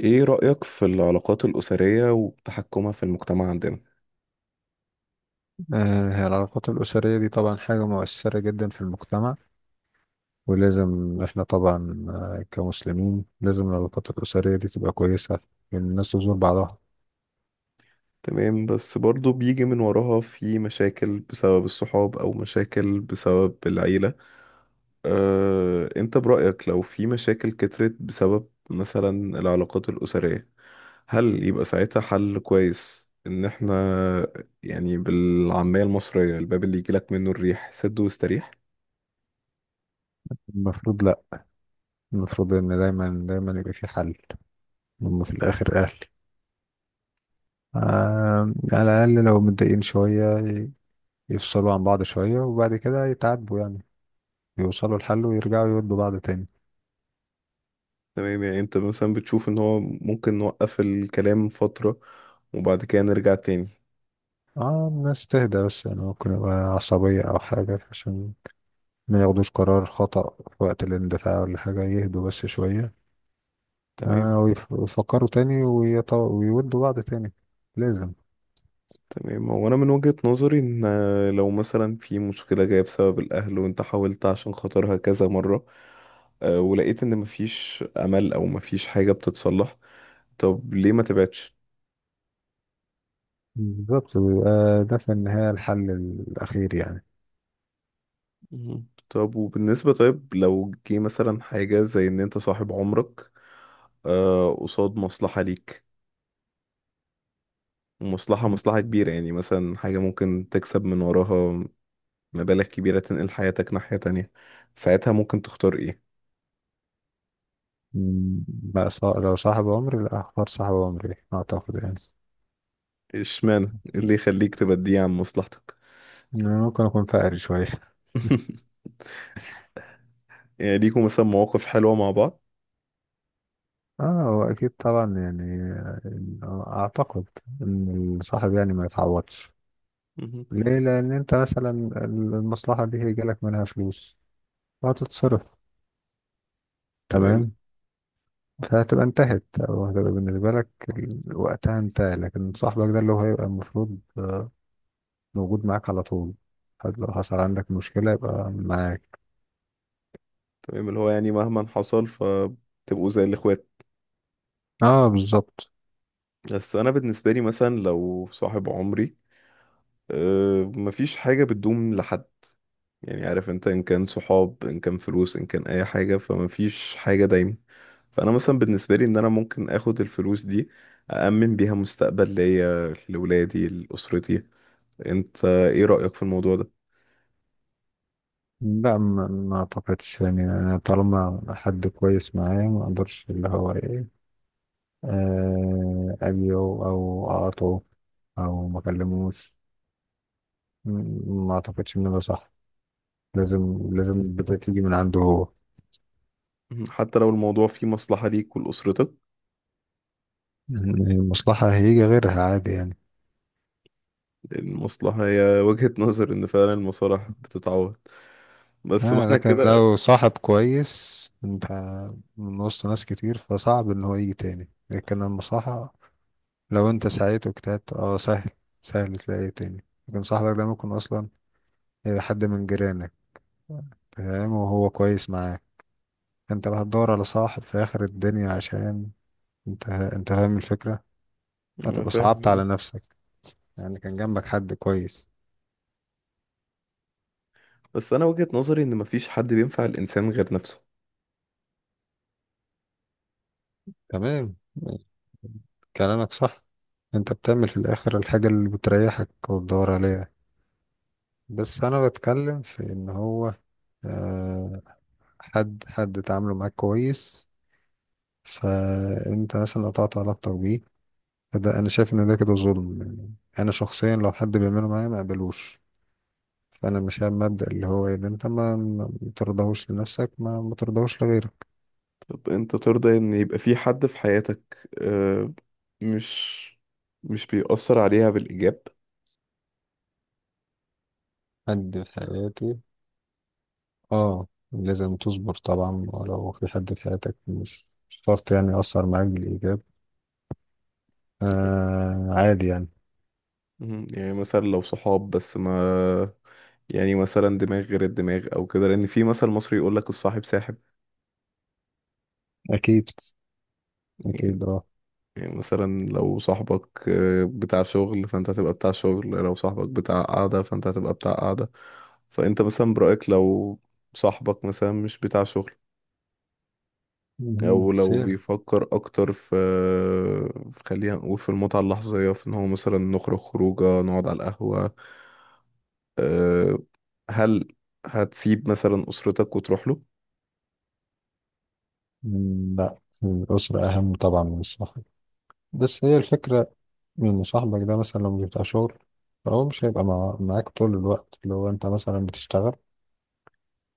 ايه رأيك في العلاقات الأسرية وتحكمها في المجتمع عندنا؟ آه، هي العلاقات الأسرية دي طبعا حاجة مؤثرة جدا في المجتمع. ولازم احنا طبعا كمسلمين لازم العلاقات الأسرية دي تبقى كويسة لأن الناس تزور بعضها. تمام، بس برضو بيجي من وراها في مشاكل بسبب الصحاب أو مشاكل بسبب العيلة. انت برأيك لو في مشاكل كترت بسبب مثلا العلاقات الأسرية، هل يبقى ساعتها حل كويس ان احنا يعني بالعامية المصرية الباب اللي يجيلك منه الريح سد واستريح؟ المفروض لأ. المفروض إن دايما دايما يبقى في حل. هم في الآخر أهل. آه، على الأقل لو متضايقين شوية يفصلوا عن بعض شوية وبعد كده يتعاتبوا يعني يوصلوا لحل ويرجعوا يودوا بعض تاني. تمام، يعني انت مثلا بتشوف ان هو ممكن نوقف الكلام فترة وبعد كده نرجع تاني. اه الناس تهدى، بس يعني ممكن يبقى عصبية أو حاجة، عشان ما ياخدوش قرار خطأ في وقت الاندفاع ولا حاجة، يهدوا بس شوية. تمام. آه ويفكروا تاني ويودوا بعض تاني. لازم. تمام هو انا من وجهة نظري ان لو مثلا في مشكلة جاية بسبب الاهل وانت حاولت عشان خاطرها كذا مرة، ولقيت ان مفيش امل او مفيش حاجة بتتصلح، طب ليه ما تبعدش؟ بالظبط، ويبقى ده في النهاية الحل الأخير يعني. مم. طب وبالنسبة، طيب لو جه مثلا حاجة زي ان انت صاحب عمرك، قصاد مصلحة ليك، ومصلحة كبيرة، يعني مثلا حاجة ممكن تكسب من وراها مبالغ كبيرة تنقل حياتك ناحية تانية، ساعتها ممكن تختار ايه؟ لو صاحب عمري، لا، أختار صاحب عمري أعتقد يعني. اشمعنى؟ إيه اللي يخليك تبديه عن مصلحتك؟ أنا ممكن أكون فقري شوية يعني ليكوا مثلا مواقف حلوة مع بعض. اه، هو أكيد طبعا يعني. أعتقد إن الصاحب يعني ما يتعوضش. مهم. ليه؟ لأن أنت مثلا المصلحة دي هيجيلك منها فلوس وهتتصرف، تمام. تمام. فهتبقى انتهت او هتبقى بالنسبة لك وقتها انتهى، لكن صاحبك ده اللي هو هيبقى المفروض موجود معاك على طول. حتى لو حصل عندك مشكلة يبقى معاك. تمام، اللي هو يعني مهما حصل فتبقوا زي الاخوات. اه، بالظبط. بس انا بالنسبة لي مثلا لو صاحب عمري، أه مفيش حاجة بتدوم لحد، يعني عارف انت ان كان صحاب ان كان فلوس ان كان اي حاجة، فمفيش حاجة دايما. فانا مثلا بالنسبة لي ان انا ممكن اخد الفلوس دي أأمن بيها مستقبل ليا لولادي لأسرتي. انت ايه رأيك في الموضوع ده؟ لا، ما اعتقدش يعني، انا طالما حد كويس معايا ما اقدرش اللي هو ايه، اجيه او اقاطعه او ما اكلموش. ما اعتقدش ان ده صح. لازم لازم البداية تيجي من عنده هو. مم. حتى لو الموضوع فيه مصلحة ليك ولأسرتك؟ المصلحة هيجي غيرها عادي يعني. لأن المصلحة هي وجهة نظر إن فعلا المصالح بتتعوض، بس آه، معنى لكن كده؟ لو صاحب كويس انت من وسط ناس كتير فصعب ان هو يجي تاني، لكن لما صاحب، لو انت سعيت واجتهدت اه سهل. سهل تلاقيه تاني، لكن صاحبك ده ممكن اصلا يبقى حد من جيرانك، فاهم؟ وهو كويس معاك، انت بقى هتدور على صاحب في اخر الدنيا، عشان انت فاهم الفكرة، أنا هتبقى فاهم صعبت على يعني. نفسك. يعني كان جنبك حد كويس. بس أنا وجهة نظري إن مفيش حد بينفع الإنسان غير نفسه. تمام، كلامك صح. انت بتعمل في الاخر الحاجة اللي بتريحك وتدور عليها، بس انا بتكلم في ان هو آه، حد تعامله معاك كويس فانت مثلا قطعت علاقتك بيه. فده انا شايف ان ده كده ظلم، يعني انا شخصيا لو حد بيعمله معايا ما اقبلوش. فانا مش هعمل مبدأ اللي هو ايه ده، انت ما ترضاهوش لنفسك ما ترضاهوش لغيرك. طب أنت ترضى إن يبقى في حد في حياتك، مش مش بيأثر عليها بالإيجاب؟ حد في حياتي؟ اه لازم تصبر طبعا، ولو في حد في حياتك مش شرط يعني يأثر معاك بالإيجاب. آه، عادي يعني. مم. يعني مثلا لو صحاب بس ما، يعني مثلا دماغ غير الدماغ او كده، لان في مثل مصري يقول لك الصاحب ساحب. أكيد. يعني أكيد اه. يعني مثلا لو صاحبك بتاع شغل، فانت هتبقى بتاع شغل. لو صاحبك بتاع قعدة، فانت هتبقى بتاع قعدة. فانت مثلا برأيك لو صاحبك مثلا مش بتاع شغل، مهم. او بس لو هي. بيفكر اكتر في خلينا نقول في المتعة اللحظية، في ان هو مثلا نخرج خروجه نقعد على القهوة، آه، هل هتسيب مثلا اسرتك وتروح له؟ مم، لا. الأسرة أهم طبعا من الصاحب. بس هي الفكرة إن صاحبك ده مثلا لو مش بتاع شغل فهو مش هيبقى معاك طول الوقت. لو أنت مثلا بتشتغل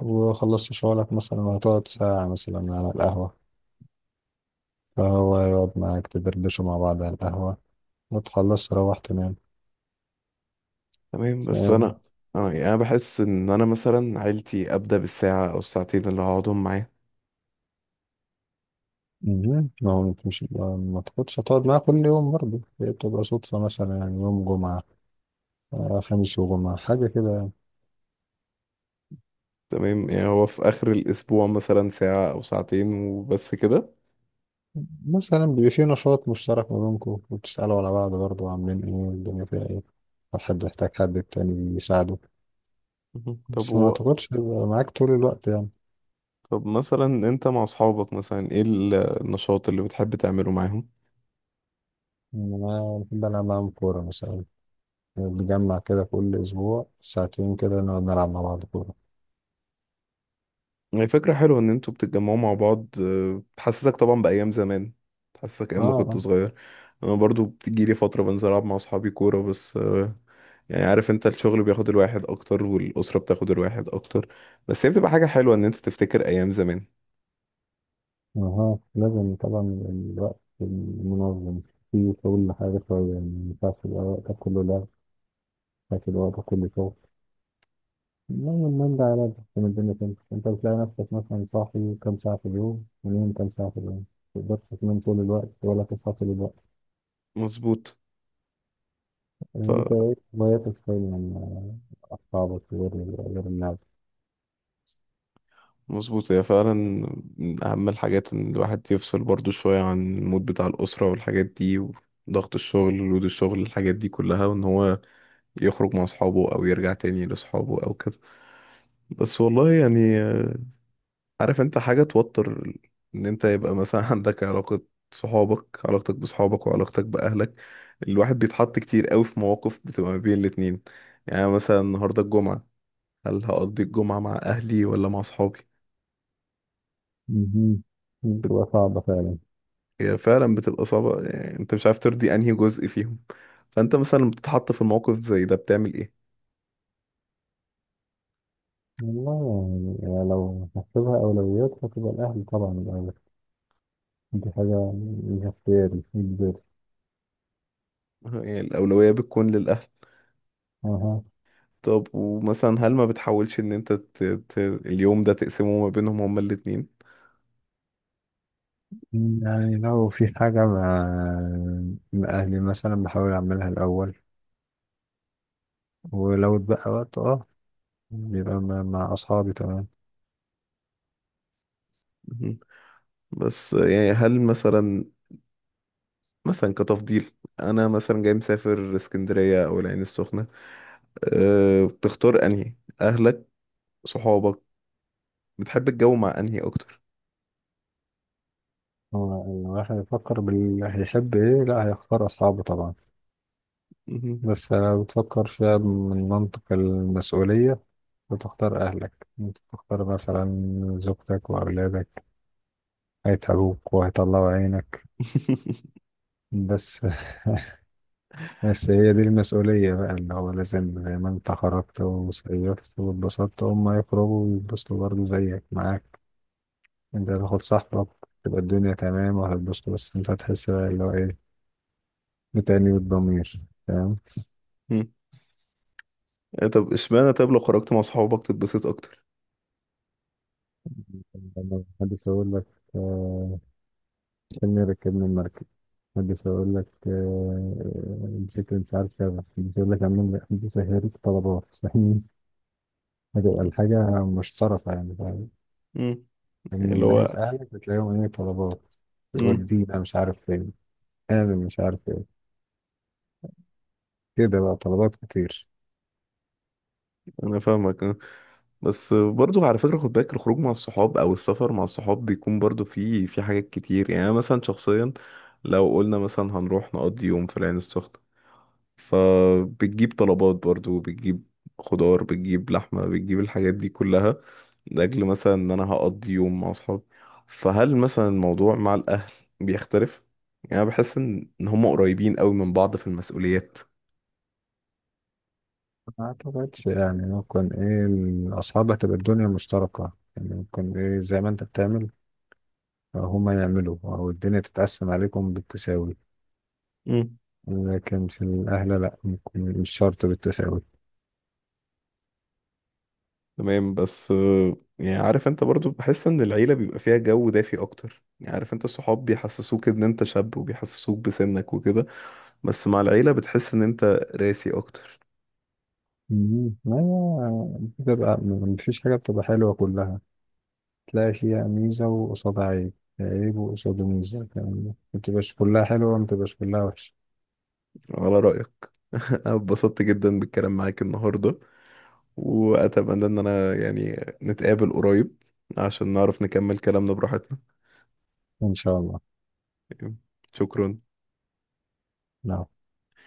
وخلصت شغلك مثلا وهتقعد ساعة مثلا على القهوة، فهو يقعد معاك تدردشوا مع بعض على القهوة وتخلص تروح تنام، تمام، بس فاهم؟ انا انا يعني انا بحس ان انا مثلا عيلتي ابدا بالساعة او الساعتين اللي هقعدهم معاهم. مهم. ما هو أنت مش ما تاخدش هتقعد معاه كل يوم برضه، هي بتبقى صدفة مثلا يعني يوم جمعة، خميس وجمعة حاجة كده. تمام، يعني هو في آخر الأسبوع مثلا ساعة أو ساعتين وبس كده. مثلا بيبقى في نشاط مشترك ما بينكم، وبتسألوا على بعض برضه عاملين ايه والدنيا فيها ايه. لو حد يحتاج حد التاني بيساعده. مهم. بس ما اعتقدش هيبقى معاك طول الوقت يعني. طب مثلا أنت مع أصحابك مثلا إيه النشاط اللي بتحب تعمله معاهم؟ يعني انا بحب العب معاهم كورة مثلا. بنجمع كده كل اسبوع ساعتين، كده نقعد نلعب مع بعض كورة. يعني فكرة حلوة إن أنتوا بتتجمعوا مع بعض. بتحسسك طبعا بأيام زمان، بتحسسك اه أيام ما كنت اه. صغير. أنا برضو بتجيلي فترة بنزل ألعب مع أصحابي كورة، بس يعني عارف انت الشغل بياخد الواحد اكتر والاسره بتاخد الواحد اكتر، بس هي بتبقى حاجه حلوه ان انت تفتكر ايام زمان. اها، لازم طبعا. الوقت المنظم فيه كل حاجة شوية، يعني ما ينفعش يبقى وقتك كله لعب لكن وقتك كله شغل. المهم من ده على ده من الدنيا تمشي، انت بتلاقي نفسك مثلا صاحي كام ساعة في اليوم ونايم كام ساعة في اليوم. متقدرش تنام طول الوقت ولا تصحى طول الوقت. مظبوط. يعني انت ايه هواياتك فعلا يعني؟ اصحابك غير الناس مظبوط، هي فعلا من أهم الحاجات إن الواحد يفصل برضو شوية عن المود بتاع الأسرة والحاجات دي وضغط الشغل ولود الشغل الحاجات دي كلها، وإن هو يخرج مع أصحابه أو يرجع تاني لأصحابه أو كده. بس والله يعني، عارف أنت حاجة توتر إن أنت يبقى مثلا عندك علاقة، صحابك، علاقتك بصحابك وعلاقتك بأهلك. الواحد بيتحط كتير قوي في مواقف بتبقى ما بين الاتنين. يعني مثلا النهاردة الجمعة، هل هقضي الجمعة مع أهلي ولا مع صحابي؟ مهم. بتبقى صعبة فعلا. هي فعلا بتبقى صعبة، يعني انت مش عارف ترضي انهي جزء فيهم. فانت مثلا لما بتتحط في الموقف زي ده بتعمل ايه؟ والله يعني لو هحسبها أولويات هتبقى الأهل طبعا الأول. دي حاجة من اختياري كبير. يعني الاولوية بتكون للاهل؟ أها. طب ومثلا هل ما بتحاولش ان انت اليوم ده تقسمه ما بينهم هما الاتنين؟ يعني لو في حاجة مع أهلي مثلا بحاول أعملها الأول. ولو اتبقى وقت اه بيبقى مع أصحابي، تمام. مهم. بس يعني هل مثلا، مثلا كتفضيل، انا مثلا جاي مسافر اسكندرية او العين السخنة، بتختار انهي؟ اهلك؟ صحابك؟ بتحب الجو مع انهي اكتر؟ هو الواحد يفكر بال هيحب إيه، لا، هيختار أصحابه طبعا. مهم. بس لو بتفكر فيها من منطق المسؤولية بتختار أهلك، أنت تختار مثلا زوجتك وأولادك، هيتعبوك وهيطلعوا عينك بس. بس هي دي المسؤولية بقى، اللي هو لازم زي ما أنت خرجت وصيفت واتبسطت هم يخرجوا ويتبسطوا برضه زيك معاك. أنت هتاخد صاحبك تبقى الدنيا تمام وهتتبسطوا، بس أنت هتحس بقى اللي هو إيه، بتأنيب الضمير، فاهم؟ مم. طب اشمعنى؟ طب لو خرجت مع صحابك تتبسط اكتر؟ لما محدش يقول لك آه، عشان ركبنا المركب، محدش يقول لك الشكل مش عارف كذا، محدش يقول لك عاملين، محدش هيريك طلبات فاهمين؟ هتبقى الحاجة مشتركة يعني، فاهم؟ مم. يعني اللي من ناحية هو. أهلك بتلاقيهم إيه، طلبات، مم. ودينا مش عارف فين، قابل مش عارف ايه، كده بقى طلبات كتير. انا فاهمك آه. بس برضو على فكره خد بالك، الخروج مع الصحاب او السفر مع الصحاب بيكون برضو فيه، في حاجات كتير. يعني أنا مثلا شخصيا لو قلنا مثلا هنروح نقضي يوم في العين السخنه، فبتجيب طلبات برضو، بتجيب خضار بتجيب لحمه بتجيب الحاجات دي كلها، لاجل مثلا ان انا هقضي يوم مع اصحابي. فهل مثلا الموضوع مع الاهل بيختلف؟ يعني أنا بحس ان إن هم قريبين قوي من بعض في المسؤوليات. ما اعتقدش يعني، ممكن ايه الأصحاب هتبقى الدنيا مشتركة يعني، ممكن ايه زي ما انت بتعمل هما يعملوا، أو الدنيا تتقسم عليكم بالتساوي. لكن في الأهل لأ، ممكن مش شرط بالتساوي. تمام، بس يعني عارف انت، برضو بحس ان العيلة بيبقى فيها جو دافي اكتر. يعني عارف انت الصحاب بيحسسوك ان انت شاب وبيحسسوك بسنك وكده، بس مع العيلة بتحس ان انت راسي اكتر. مم. ما هي بتبقى مفيش حاجة بتبقى حلوة كلها، تلاقي فيها ميزة وقصادها عيب، عيب وقصاده ميزة، يعني متبقاش كلها حلوة، متبقاش كلها وحشة. على رأيك. انا اتبسطت جدا بالكلام معاك النهاردة، واتمنى ان انا يعني نتقابل قريب عشان نعرف نكمل كلامنا براحتنا. إن شاء الله. شكرا. نعم.